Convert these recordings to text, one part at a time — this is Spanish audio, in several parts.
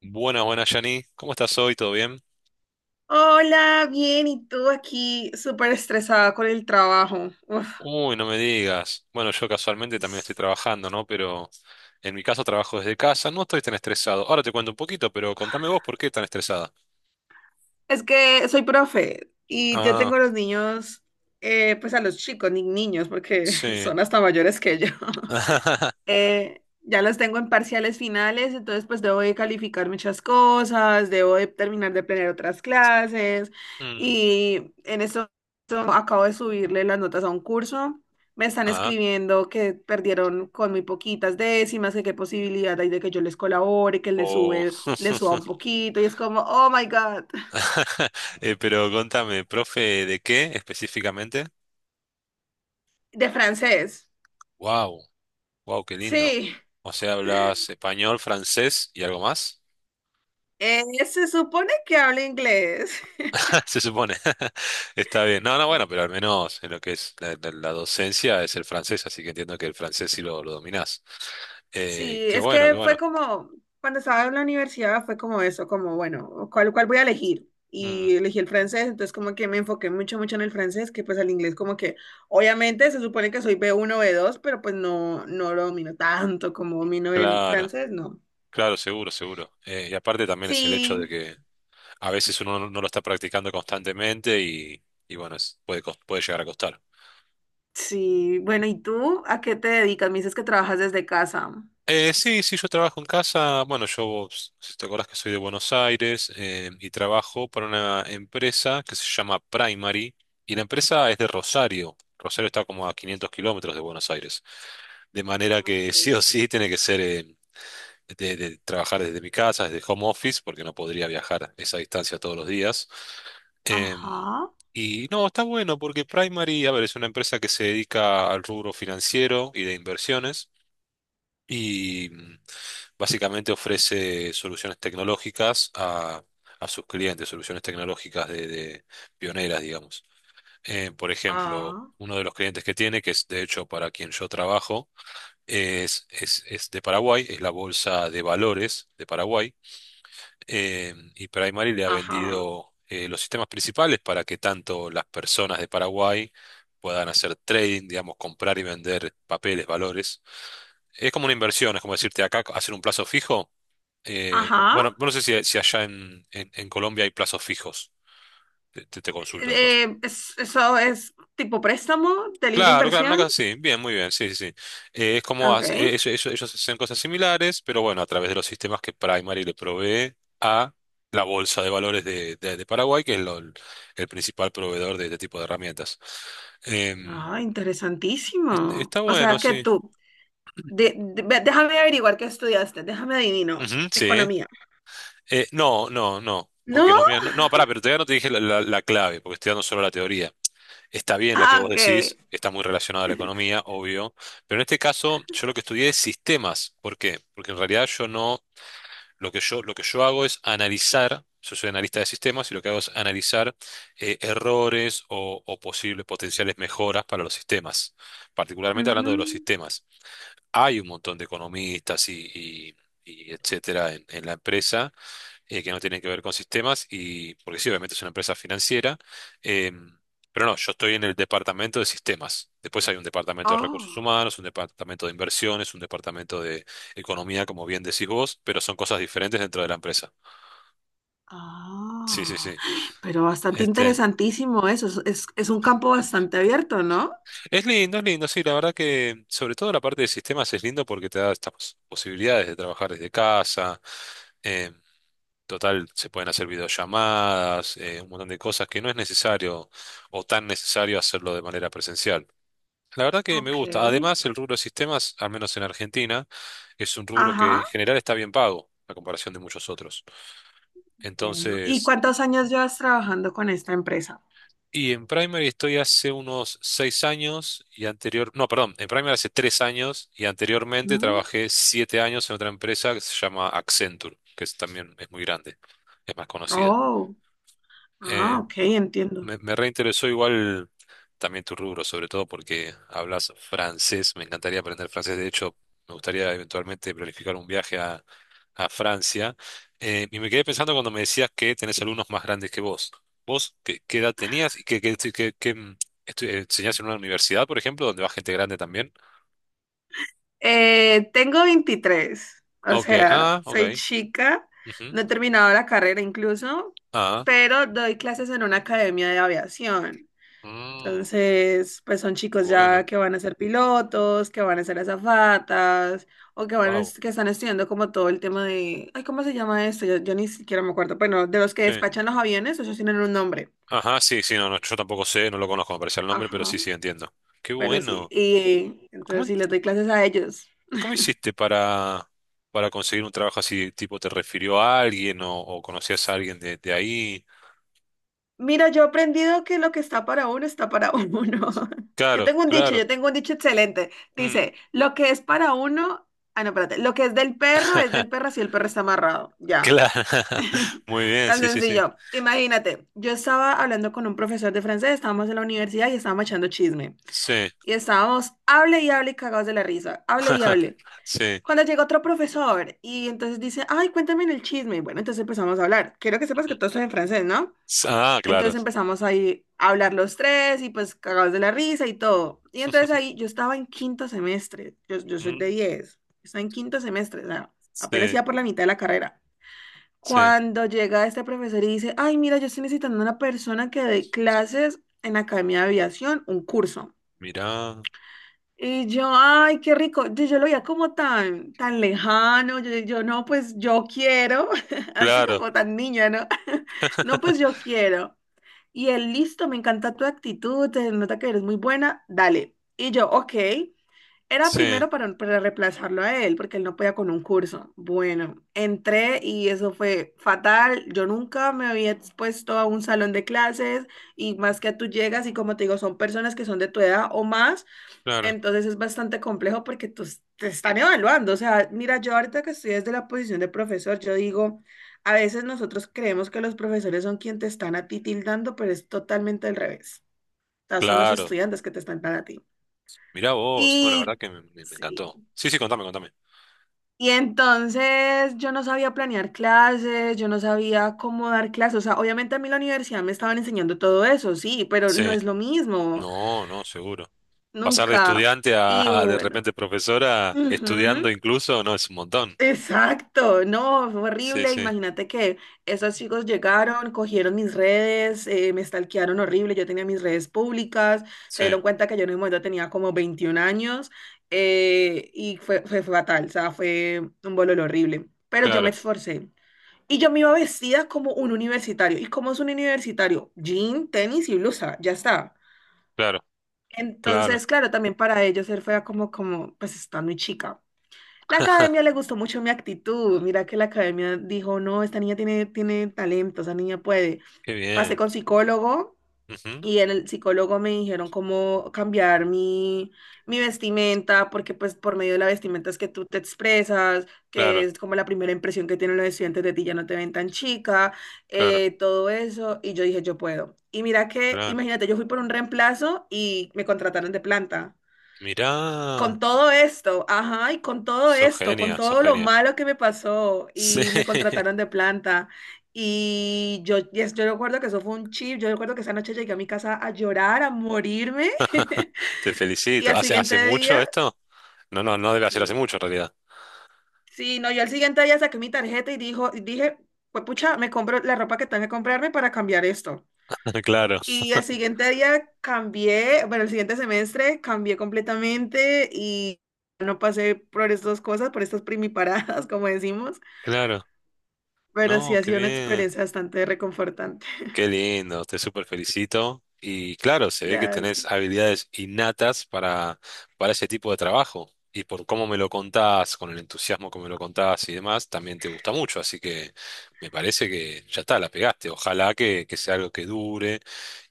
Buenas, buenas, Yani. ¿Cómo estás hoy? ¿Todo bien? Hola, bien, ¿y tú aquí súper estresada con el trabajo? Uf. Uy, no me digas. Bueno, yo casualmente también estoy trabajando, ¿no? Pero en mi caso trabajo desde casa, no estoy tan estresado. Ahora te cuento un poquito, pero contame vos por qué tan estresada. Es que soy profe y yo Ah, tengo a los niños, pues a los chicos, ni niños, porque sí. son hasta mayores que yo. Ya las tengo en parciales finales, entonces pues debo de calificar muchas cosas, debo de terminar de planear otras clases Mm, y en esto acabo de subirle las notas a un curso. Me están ah, escribiendo que perdieron con muy poquitas décimas, que qué posibilidad hay de que yo les colabore, que o... les suba un poquito, y es como, oh my God, pero contame, profe, ¿de qué específicamente? de francés. Wow, wow, qué lindo. Sí, O sea, hablas español, francés y algo más. Se supone que habla inglés. Se supone. Está bien. No, no, bueno, pero al menos en lo que es la docencia es el francés, así que entiendo que el francés sí lo dominás. Sí, Qué es bueno, qué que fue bueno. como, cuando estaba en la universidad fue como eso, como, bueno, ¿cuál voy a elegir? Mm, Y elegí el francés, entonces como que me enfoqué mucho, mucho en el francés, que pues el inglés como que, obviamente se supone que soy B1 B2, pero pues no, no lo domino tanto como domino el claro, francés, no. claro, seguro, seguro. Y aparte también es el hecho de Sí, que a veces uno no lo está practicando constantemente y bueno, puede llegar a costar. sí, bueno, ¿y tú a qué te dedicas? Me dices que trabajas desde casa. Sí, sí, yo trabajo en casa. Bueno, vos, si te acordás que soy de Buenos Aires, y trabajo para una empresa que se llama Primary y la empresa es de Rosario. Rosario está como a 500 kilómetros de Buenos Aires. De manera Ah, que ok. sí o sí tiene que ser, de trabajar desde mi casa, desde home office, porque no podría viajar esa distancia todos los días. Em, Ajá. y no, está bueno porque Primary, a ver, es una empresa que se dedica al rubro financiero y de inversiones y, básicamente ofrece soluciones tecnológicas a sus clientes, soluciones tecnológicas de pioneras, digamos. Por ejemplo, Ah, uno de los clientes que tiene, que es de hecho para quien yo trabajo, es de Paraguay, es la Bolsa de Valores de Paraguay, y Primary le ha ajá, vendido, los sistemas principales para que tanto las personas de Paraguay puedan hacer trading, digamos, comprar y vender papeles, valores. Es como una inversión, es como decirte acá hacer un plazo fijo. Ajá. Bueno, no sé si allá en, en Colombia hay plazos fijos. Te consulto de paso. Eso es tipo préstamo de libre Claro, claro, una inversión. cosa así. Bien, muy bien, sí, sí, sí. Ah, ok. Ellos hacen cosas similares, pero bueno, a través de los sistemas que Primary le provee a la bolsa de valores de Paraguay, que es el principal proveedor de este tipo de herramientas. Em, Ah, interesantísimo. Está O bueno, sea que sí. tú, déjame averiguar qué estudiaste, déjame adivino. Ujú, sí. Economía. No, no, no. ¿No? Aunque no, mira, no, no, pará, pero todavía no te dije la clave, porque estoy dando solo la teoría. Está bien lo que Ah, vos ok. decís, está muy relacionado a la economía, obvio, pero en este caso yo lo que estudié es sistemas. ¿Por qué? Porque en realidad yo no, lo que yo hago es analizar, yo soy analista de sistemas y lo que hago es analizar, errores o posibles potenciales mejoras para los sistemas, particularmente hablando de los Ujú. sistemas. Hay un montón de economistas y etcétera en la empresa, que no tienen que ver con sistemas, y porque sí, obviamente es una empresa financiera, eh, pero no, yo estoy en el departamento de sistemas. Después hay un departamento de recursos Oh. humanos, un departamento de inversiones, un departamento de economía, como bien decís vos, pero son cosas diferentes dentro de la empresa. Sí, sí, Ah, sí. pero bastante Este, interesantísimo eso. Es un campo bastante abierto, ¿no? Es lindo, sí, la verdad que sobre todo la parte de sistemas es lindo porque te da estas posibilidades de trabajar desde casa. eh, Total, se pueden hacer videollamadas, un montón de cosas que no es necesario o tan necesario hacerlo de manera presencial. La verdad que me Ok. gusta. Además, el rubro de sistemas, al menos en Argentina, es un rubro que en Ajá. general está bien pago a comparación de muchos otros. Bueno. ¿Y Entonces, cuántos años llevas trabajando con esta empresa? y en Primary estoy hace unos 6 años y no, perdón, en Primary hace 3 años y anteriormente Mm. trabajé 7 años en otra empresa que se llama Accenture, también es muy grande, es más conocida. Oh. Ah, Eh, ok, entiendo. me reinteresó igual también tu rubro, sobre todo porque hablas francés. Me encantaría aprender francés. De hecho, me gustaría eventualmente planificar un viaje a Francia. Y me quedé pensando cuando me decías que tenés alumnos más grandes que vos. ¿Vos qué edad tenías y enseñás en una universidad, por ejemplo, donde va gente grande también? Tengo 23, o Ok, sea, ah, ok. soy chica, Ujú, no he terminado la carrera incluso, ah, pero doy clases en una academia de aviación. mm, Entonces, pues son chicos bueno, ya que van a ser pilotos, que van a ser azafatas, o que wow. Que están estudiando como todo el tema de, ay, ¿cómo se llama esto? Yo ni siquiera me acuerdo. Bueno, de los que Sí. despachan los aviones, ellos tienen un nombre. Ajá, sí, sí, no, no, yo tampoco sé, no lo conozco, me parece el nombre, pero Ajá, sí, sí, entiendo. Qué pero sí. bueno. Y entonces ¿Cómo, sí les doy clases a ellos. cómo hiciste para conseguir un trabajo así? Tipo, ¿te refirió a alguien o conocías a alguien de ahí? Mira, yo he aprendido que lo que está para uno está para uno. Yo Claro, tengo un dicho, claro. yo tengo un dicho excelente. Mm. Dice, lo que es para uno, ah, no, espérate, lo que es del perro si el perro está amarrado. Ya. Claro. Muy bien, Tan sí, sí, sí. sencillo. Imagínate, yo estaba hablando con un profesor de francés, estábamos en la universidad y estábamos echando chisme. Sí. Y estábamos, hable y hable, y cagados de la risa, hable y hable. Sí. Cuando llega otro profesor y entonces dice, ay, cuéntame el chisme. Bueno, entonces empezamos a hablar. Quiero que sepas que Ujú. todo esto es en francés, ¿no? Ah, claro. Entonces empezamos ahí a hablar los tres y pues cagados de la risa y todo. Y entonces ahí yo estaba en quinto semestre, yo soy Mm, de 10, estaba en quinto semestre, o sea, apenas sí, iba por la mitad de la carrera. sí. Cuando llega este profesor y dice, ay, mira, yo estoy necesitando una persona que dé clases en la Academia de Aviación, un curso. Mirá. Y yo, ay, qué rico, yo lo veía como tan, tan lejano, yo no, pues yo quiero, así Claro. como tan niña, ¿no? No, pues yo quiero. Y él, listo, me encanta tu actitud, se nota que eres muy buena, dale. Y yo, ok. Era Sí, primero para, reemplazarlo a él, porque él no podía con un curso. Bueno, entré y eso fue fatal. Yo nunca me había expuesto a un salón de clases y más que tú llegas y como te digo, son personas que son de tu edad o más, claro. entonces es bastante complejo porque te están evaluando. O sea, mira, yo ahorita que estoy desde la posición de profesor, yo digo, a veces nosotros creemos que los profesores son quienes te están a ti tildando, pero es totalmente al revés. O sea, son los Claro. estudiantes que te están dando a ti. Mirá vos. No, la verdad Y que me sí. encantó. Sí, sí, contame, contame. Y entonces yo no sabía planear clases, yo no sabía cómo dar clases. O sea, obviamente a mí en la universidad me estaban enseñando todo eso, sí, pero no Sí. es lo mismo. No, no, seguro. Pasar de Nunca. estudiante Y a de bueno. repente profesora, Ujú. estudiando incluso, no, es un montón. Exacto, no, fue Sí, horrible. sí, Imagínate que esos chicos llegaron, cogieron mis redes, me stalkearon horrible. Yo tenía mis redes públicas, sí, se dieron cuenta que yo en ese momento tenía como 21 años, y fue fatal, o sea, fue un bololo horrible. Pero yo me claro, esforcé y yo me iba vestida como un universitario. ¿Y cómo es un universitario? Jean, tenis y blusa, ya está. claro, claro, Entonces, claro, también para ellos ser fea como, pues está muy chica. La academia le gustó mucho mi actitud. Mira que la academia dijo, no, esta niña tiene talento, esta niña puede. qué Pasé bien. con psicólogo Ujú, y en el psicólogo me dijeron cómo cambiar mi vestimenta, porque pues por medio de la vestimenta es que tú te expresas, que claro, es como la primera impresión que tienen los estudiantes de ti, ya no te ven tan chica, claro, todo eso. Y yo dije, yo puedo. Y mira que, claro. imagínate, yo fui por un reemplazo y me contrataron de planta Mirá, con todo esto, ajá, y con todo sos esto, con genia, sos todo lo genia. malo que me pasó Sí, y me contrataron de planta. Y yo, yes, yo recuerdo que eso fue un chip, yo recuerdo que esa noche llegué a mi casa a llorar, a morirme. te Y felicito. al Hace siguiente día, mucho esto? No, no, no debe ser hace y mucho en realidad. sí, no, yo al siguiente día saqué mi tarjeta y y dije, pues pucha, me compro la ropa que tengo que comprarme para cambiar esto. Claro, Y el siguiente día cambié, bueno, el siguiente semestre cambié completamente y no pasé por estas cosas, por estas primiparadas, como decimos, claro. pero sí No, ha qué sido una bien. experiencia bastante reconfortante. Qué lindo, te súper felicito. Y claro, se ve que Gracias. tenés habilidades innatas para ese tipo de trabajo. Y por cómo me lo contás, con el entusiasmo que me lo contás y demás, también te gusta mucho. Así que me parece que ya está, la pegaste. Ojalá que sea algo que dure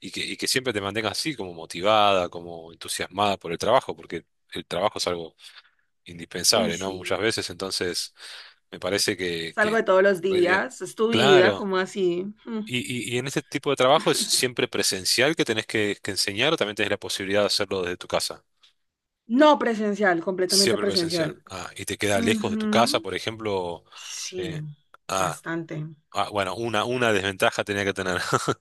y que siempre te mantengas así, como motivada, como entusiasmada por el trabajo, porque el trabajo es algo Uy, indispensable, ¿no? Muchas sí. veces, entonces me parece que, Salgo que, de todos los muy bien. días, es tu vida, Claro. como así. Mm. Y en este tipo de trabajo es siempre presencial que tenés que enseñar o también tenés la posibilidad de hacerlo desde tu casa. No presencial, completamente Siempre presencial. presencial. Ah, y te queda lejos de tu casa, Ujú. por ejemplo. Sí, eh, ah, bastante. ah, bueno, una desventaja tenía que tener.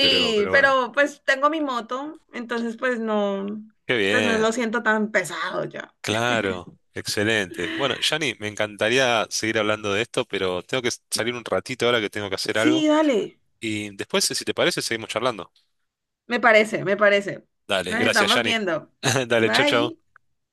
Pero, pero bueno. pero pues tengo mi moto, entonces Qué pues no bien. lo siento tan pesado ya. Claro. Excelente. Bueno, Yanni, me encantaría seguir hablando de esto, pero tengo que salir un ratito ahora que tengo que hacer algo. Sí, dale. Y después, si te parece, seguimos charlando. Me parece, me parece. Dale, Nos gracias, estamos Yanni. viendo. Dale, chau, chau. Bye.